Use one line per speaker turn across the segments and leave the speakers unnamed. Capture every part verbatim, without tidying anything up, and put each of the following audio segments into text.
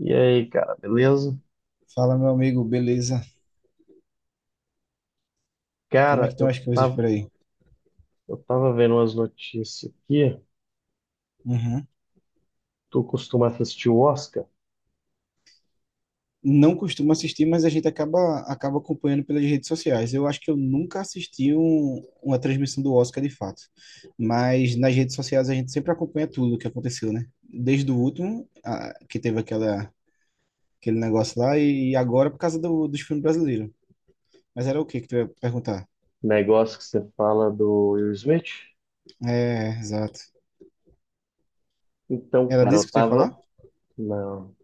E aí, cara, beleza?
Fala, meu amigo, beleza? Como é que
Cara,
estão
eu
as coisas
tava,
por aí?
eu tava vendo umas notícias aqui.
Uhum.
Tu costuma assistir o Oscar?
Não costumo assistir, mas a gente acaba, acaba acompanhando pelas redes sociais. Eu acho que eu nunca assisti um- uma transmissão do Oscar de fato. Mas nas redes sociais a gente sempre acompanha tudo o que aconteceu, né? Desde o último, a- que teve aquela, aquele negócio lá, e agora por causa do, dos filmes brasileiros. Mas era o que que tu ia perguntar?
Negócio que você fala do Will Smith?
É, exato.
Então,
Era
cara,
disso
eu
que tu ia falar?
tava. Não.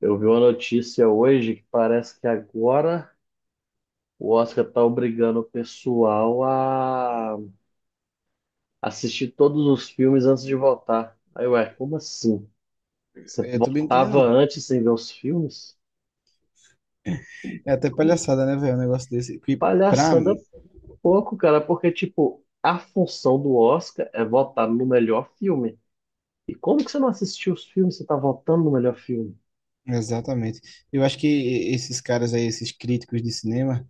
Eu vi uma notícia hoje que parece que agora o Oscar tá obrigando o pessoal a assistir todos os filmes antes de votar. Aí, ué, como assim? Você
Eu também não entendendo,
votava
não.
antes sem ver os filmes?
É até palhaçada, né, velho? Um negócio desse. Que pra
Palhaçada
mim,
pouco, cara, porque, tipo, a função do Oscar é votar no melhor filme. E como que você não assistiu os filmes? Você tá votando no melhor filme?
exatamente. Eu acho que esses caras aí, esses críticos de cinema,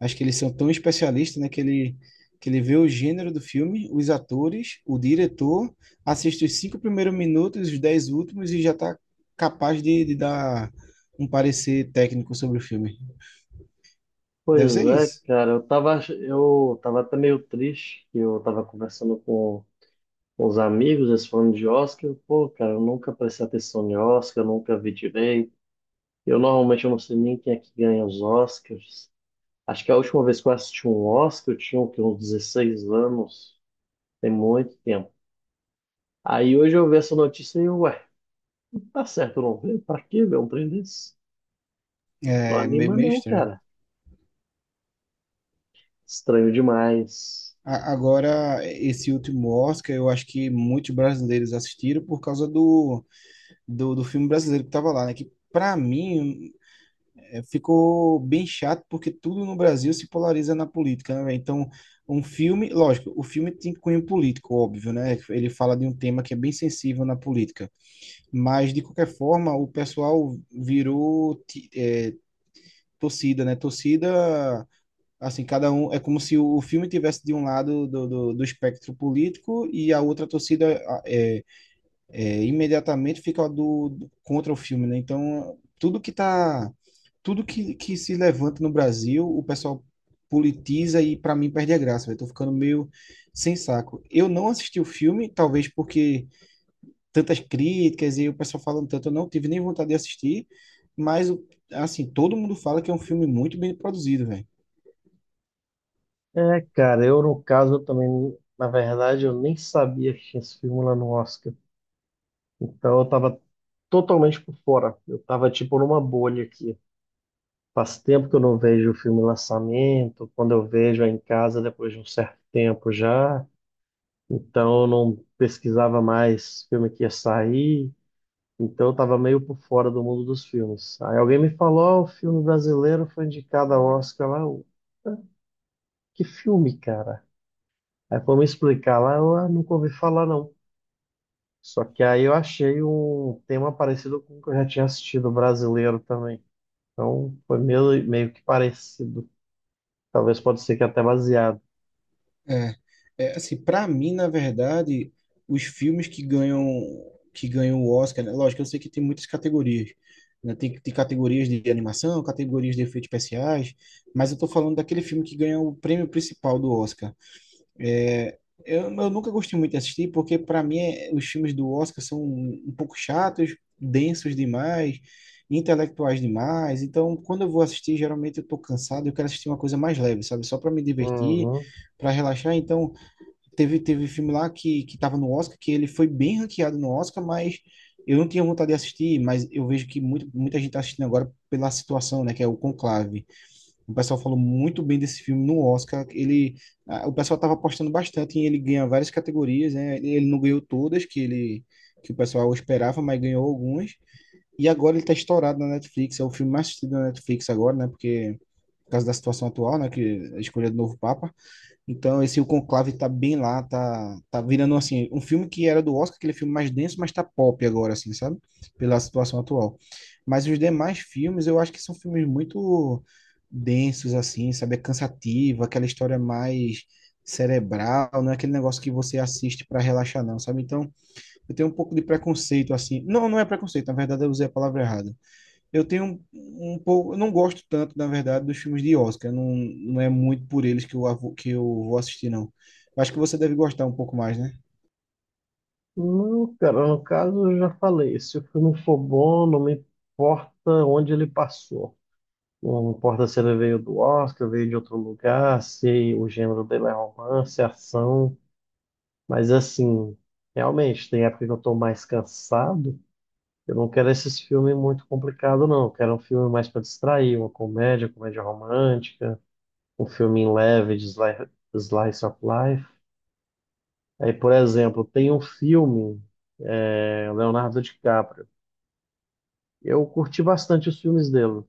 acho que eles são tão especialistas, né, que ele, que ele vê o gênero do filme, os atores, o diretor, assiste os cinco primeiros minutos, os dez últimos e já tá capaz de, de dar um parecer técnico sobre o filme. Deve
Pois
ser
é,
isso.
cara, eu tava, ach- eu tava até meio triste que eu tava conversando com, com os amigos, eles falando de Oscar. Eu, pô, cara, eu nunca prestei atenção em Oscar, eu nunca vi direito. Eu normalmente eu não sei nem quem é que ganha os Oscars. Acho que a última vez que eu assisti um Oscar, eu tinha o quê, uns dezesseis anos, tem muito tempo. Aí hoje eu vi essa notícia e, ué. Tá certo, não vê? Pra que ver um trem desse? Não
É meio,
anima,
meio
não,
estranho.
cara. Estranho demais.
A- Agora, esse último Oscar, eu acho que muitos brasileiros assistiram por causa do, do, do filme brasileiro que estava lá, né? Que, para mim, é, ficou bem chato, porque tudo no Brasil se polariza na política, né? Véi? Então, um filme, lógico, o filme tem cunho político, óbvio, né? Ele fala de um tema que é bem sensível na política. Mas, de qualquer forma, o pessoal virou, ti- é, torcida, né? Torcida. Assim, cada um é como se o filme tivesse de um lado do, do, do espectro político, e a outra torcida a- é, é, imediatamente fica do, do- contra o filme, né? Então, tudo que tá, tudo que, que se levanta no Brasil, o pessoal politiza e para mim perde a graça, velho. Tô ficando meio sem saco. Eu não assisti o filme, talvez porque tantas críticas e o pessoal falando tanto, eu não tive nem vontade de assistir, mas, assim, todo mundo fala que é um filme muito bem produzido, velho.
É, cara, eu no caso eu também, na verdade, eu nem sabia que tinha esse filme lá no Oscar. Então eu tava totalmente por fora. Eu tava tipo numa bolha aqui. Faz tempo que eu não vejo o filme lançamento, quando eu vejo é em casa depois de um certo tempo já. Então eu não pesquisava mais filme que ia sair. Então eu tava meio por fora do mundo dos filmes. Aí alguém me falou, ó, o filme brasileiro foi indicado ao Oscar lá. Eu, "Ah, que filme, cara?" Aí foi me explicar lá, eu "Ah, nunca ouvi falar, não." Só que aí eu achei um tema parecido com o que eu já tinha assistido brasileiro também. Então foi meio, meio que parecido. Talvez pode ser que até baseado.
É, é assim, para mim, na verdade, os filmes que ganham que ganham o Oscar, né? Lógico, eu sei que tem muitas categorias, né? Tem, tem categorias de animação, categorias de efeitos especiais, mas eu tô falando daquele filme que ganha o prêmio principal do Oscar. Eu, eu nunca gostei muito de assistir, porque para mim é- os filmes do Oscar são um um pouco chatos, densos demais, intelectuais demais. Então, quando eu vou assistir, geralmente eu tô cansado, eu quero assistir uma coisa mais leve, sabe? Só para me divertir,
Uhum.
para relaxar. Então, Teve, teve filme lá que, que tava no Oscar, que ele foi bem ranqueado no Oscar, mas eu não tinha vontade de assistir, mas eu vejo que muito, muita gente tá assistindo agora pela situação, né, que é o Conclave. O pessoal falou muito bem desse filme no Oscar, ele, a- o pessoal tava apostando bastante em ele ganhar várias categorias, né, ele não ganhou todas que ele, que o pessoal esperava, mas ganhou algumas, e agora ele tá estourado na Netflix, é o filme mais assistido na Netflix agora, né, porque, por causa da situação atual, né, que a escolha do novo Papa. Então, esse O Conclave tá bem lá, tá, tá virando, assim, um filme que era do Oscar, aquele filme mais denso, mas tá pop agora, assim, sabe? Pela situação atual. Mas os demais filmes, eu acho que são filmes muito densos, assim, sabe? É cansativo, aquela história mais cerebral, não é aquele negócio que você assiste para relaxar, não, sabe? Então, eu tenho um pouco de preconceito, assim. Não, não é preconceito, na verdade eu usei a palavra errada. Eu tenho um, um pouco, eu não gosto tanto, na verdade, dos filmes de Oscar. Não, não é muito por eles que eu, avo- que eu vou assistir, não. Acho que você deve gostar um pouco mais, né?
Não, cara, no caso eu já falei, se o filme for bom, não me importa onde ele passou. Não importa se ele veio do Oscar, veio de outro lugar, se o gênero dele é romance, ação. Mas assim, realmente, tem época que eu tô mais cansado. Eu não quero esses filmes muito complicados, não. Eu quero um filme mais para distrair, uma comédia, comédia romântica, um filme leve de sli- slice of life. Aí, por exemplo, tem um filme, é, Leonardo DiCaprio. Eu curti bastante os filmes dele.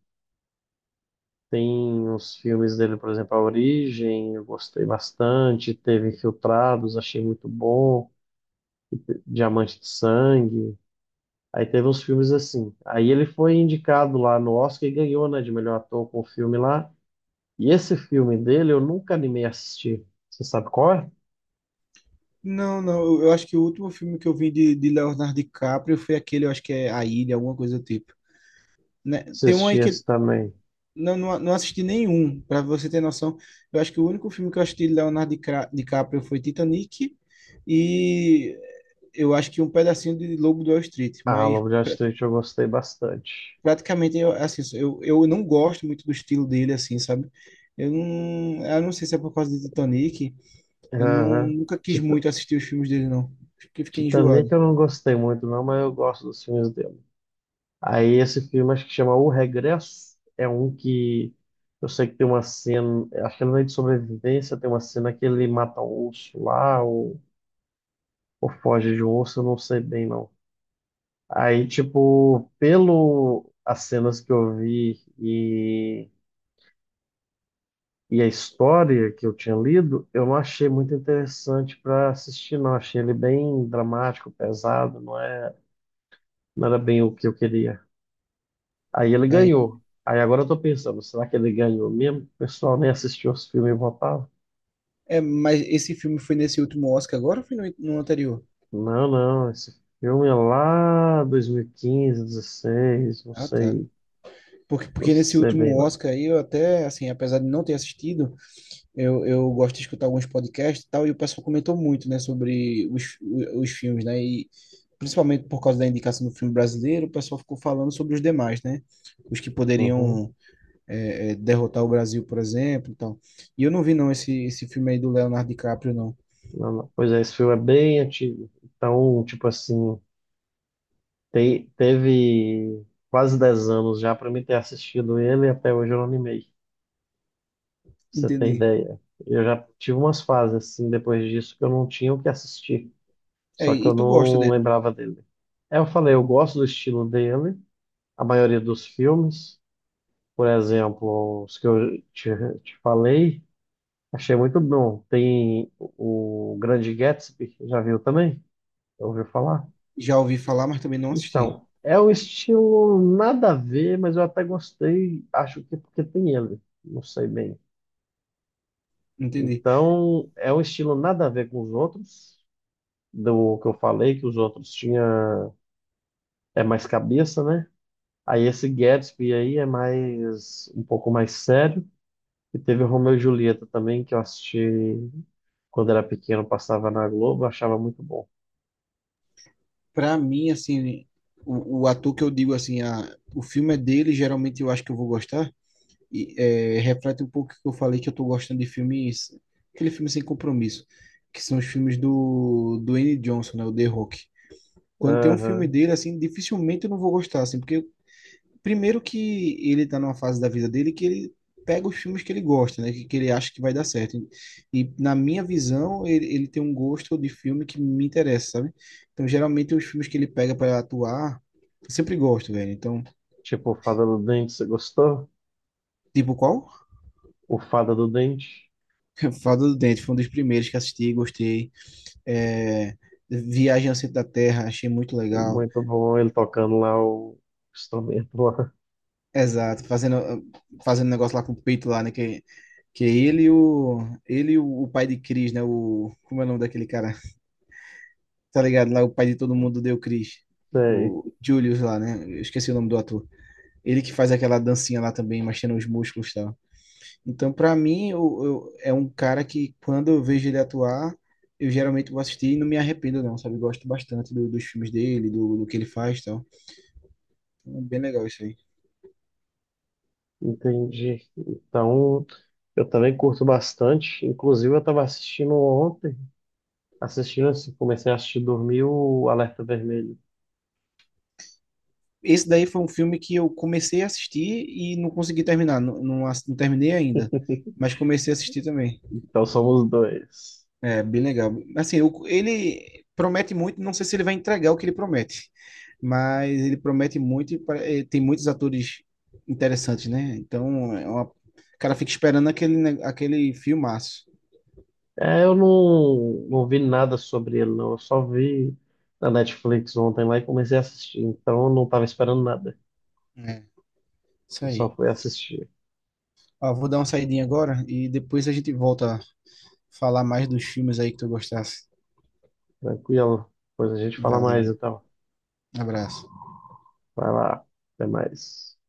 Tem os filmes dele, por exemplo, A Origem, eu gostei bastante. Teve Infiltrados, achei muito bom. Diamante de Sangue. Aí teve uns filmes assim. Aí ele foi indicado lá no Oscar e ganhou, né, de melhor ator com o filme lá. E esse filme dele eu nunca animei a assistir. Você sabe qual é?
Não, não, eu, eu acho que o último filme que eu vi de, de Leonardo DiCaprio foi aquele, eu acho que é A Ilha, alguma coisa do tipo. Né? Tem um
Assisti
aí que
esse
ele-
também.
Não, não, não assisti nenhum, para você ter noção. Eu acho que o único filme que eu assisti de Leonardo Dicra- DiCaprio foi Titanic, e eu acho que um pedacinho de Lobo de Wall Street.
Ah,
Mas
Lobo de Wall Street eu gostei bastante.
praticamente eu, assim, eu, eu não gosto muito do estilo dele, assim, sabe? Eu não eu não sei se é por causa de Titanic. Eu não
Aham.
nunca quis
Tita-
muito assistir os filmes dele, não. Acho que fiquei
Titanic
enjoado.
eu não gostei muito, não, mas eu gosto dos filmes dele. Aí esse filme acho que chama O Regresso, é um que eu sei que tem uma cena, acho que não é de sobrevivência, tem uma cena que ele mata um urso lá, ou, ou foge de um urso, eu não sei bem não. Aí, tipo, pelo as cenas que eu vi e, e a história que eu tinha lido, eu não achei muito interessante para assistir, não. Achei ele bem dramático, pesado, não é, não era bem o que eu queria. Aí ele
Aí,
ganhou. Aí agora eu tô pensando, será que ele ganhou mesmo? O pessoal nem assistiu os filmes e votava?
é mas esse filme foi nesse último Oscar agora ou foi no, no anterior?
Não, não, esse filme é lá dois mil e quinze, dezesseis, não
Ah, tá.
sei,
porque
não
porque nesse
sei bem
último
não.
Oscar, aí, eu até assim, apesar de não ter assistido, eu, eu gosto de escutar alguns podcasts e tal, e o pessoal comentou muito, né, sobre os, os filmes, né, e principalmente por causa da indicação do filme brasileiro, o pessoal ficou falando sobre os demais, né? Os que
Uhum,
poderiam é, é, derrotar o Brasil, por exemplo, e tal. E eu não vi, não, esse, esse filme aí do Leonardo DiCaprio, não.
não, não. Pois é, esse filme é bem antigo. Então, tipo assim, te- teve quase dez anos já para mim ter assistido ele e até hoje eu não animei, pra você ter
Entendi.
ideia. Eu já tive umas fases assim depois disso que eu não tinha o que assistir.
É,
Só que
e
eu
tu gosta
não
dele?
lembrava dele. É, eu falei, eu gosto do estilo dele, a maioria dos filmes, por exemplo, os que eu te, te falei, achei muito bom. Tem o o Grande Gatsby, já viu também? Já ouviu falar?
Já ouvi falar, mas também não assisti.
Então, é um estilo nada a ver, mas eu até gostei, acho que porque tem ele, não sei bem.
Entendi.
Então, é um estilo nada a ver com os outros, do que eu falei, que os outros tinha é mais cabeça, né? Aí esse Gatsby aí é mais um pouco mais sério. E teve o Romeu e Julieta também, que eu assisti quando era pequeno, passava na Globo, achava muito bom.
Pra mim, assim, o, o ator que eu digo, assim, ah, o filme é dele, geralmente eu acho que eu vou gostar, e, é, reflete um pouco o que eu falei que eu tô gostando de filmes, aquele filme sem compromisso, que são os filmes do do Dwayne Johnson, né, o The Rock. Quando tem um filme
Aham.
dele, assim, dificilmente eu não vou gostar, assim, porque primeiro que ele tá numa fase da vida dele que ele pega os filmes que ele gosta, né, que, que ele acha que vai dar certo. E, na minha visão, ele, ele tem um gosto de filme que me interessa, sabe? Então, geralmente os filmes que ele pega para atuar, eu sempre gosto, velho. Então,
Tipo, o Fada do Dente, você gostou?
tipo qual?
O Fada do Dente,
Fada do Dente foi um dos primeiros que assisti, gostei. É, Viagem ao Centro da Terra, achei muito
é
legal.
muito bom ele tocando lá o instrumento lá.
Exato, fazendo fazendo negócio lá com o peito lá, né? Que, que é ele e o ele e o, o pai de Chris, né? O como é o nome daquele cara? Tá ligado? Lá o pai de todo mundo deu Chris,
Sei,
o Julius lá, né? Eu esqueci o nome do ator. Ele que faz aquela dancinha lá também, mexendo os músculos e tal. Então, pra mim, eu, eu- é um cara que quando eu vejo ele atuar, eu geralmente vou assistir e não me arrependo, não, sabe? Gosto bastante do- dos filmes dele, do, do que ele faz, e tal. Então, é bem legal isso aí.
entendi. Então, eu também curto bastante. Inclusive, eu estava assistindo ontem, assistindo assim, comecei a assistir dormir o Alerta Vermelho.
Esse daí foi um filme que eu comecei a assistir e não consegui terminar. Não, não, ass- não terminei ainda, mas comecei a assistir também.
Então, somos dois.
É, bem legal. Assim, o- ele promete muito, não sei se ele vai entregar o que ele promete, mas ele promete muito e pare- eh, tem muitos atores interessantes, né? Então, é uma- o cara fica esperando aquele, ne- aquele filmaço.
É, eu não, não vi nada sobre ele, não. Eu só vi na Netflix ontem lá e comecei a assistir. Então eu não estava esperando nada.
É, isso
Eu só
aí.
fui assistir.
Ó, vou dar uma saidinha agora e depois a gente volta a falar mais dos filmes aí que tu gostasse.
Tranquilo. Depois a gente fala mais,
Valeu,
então.
um abraço.
Vai lá. Até mais.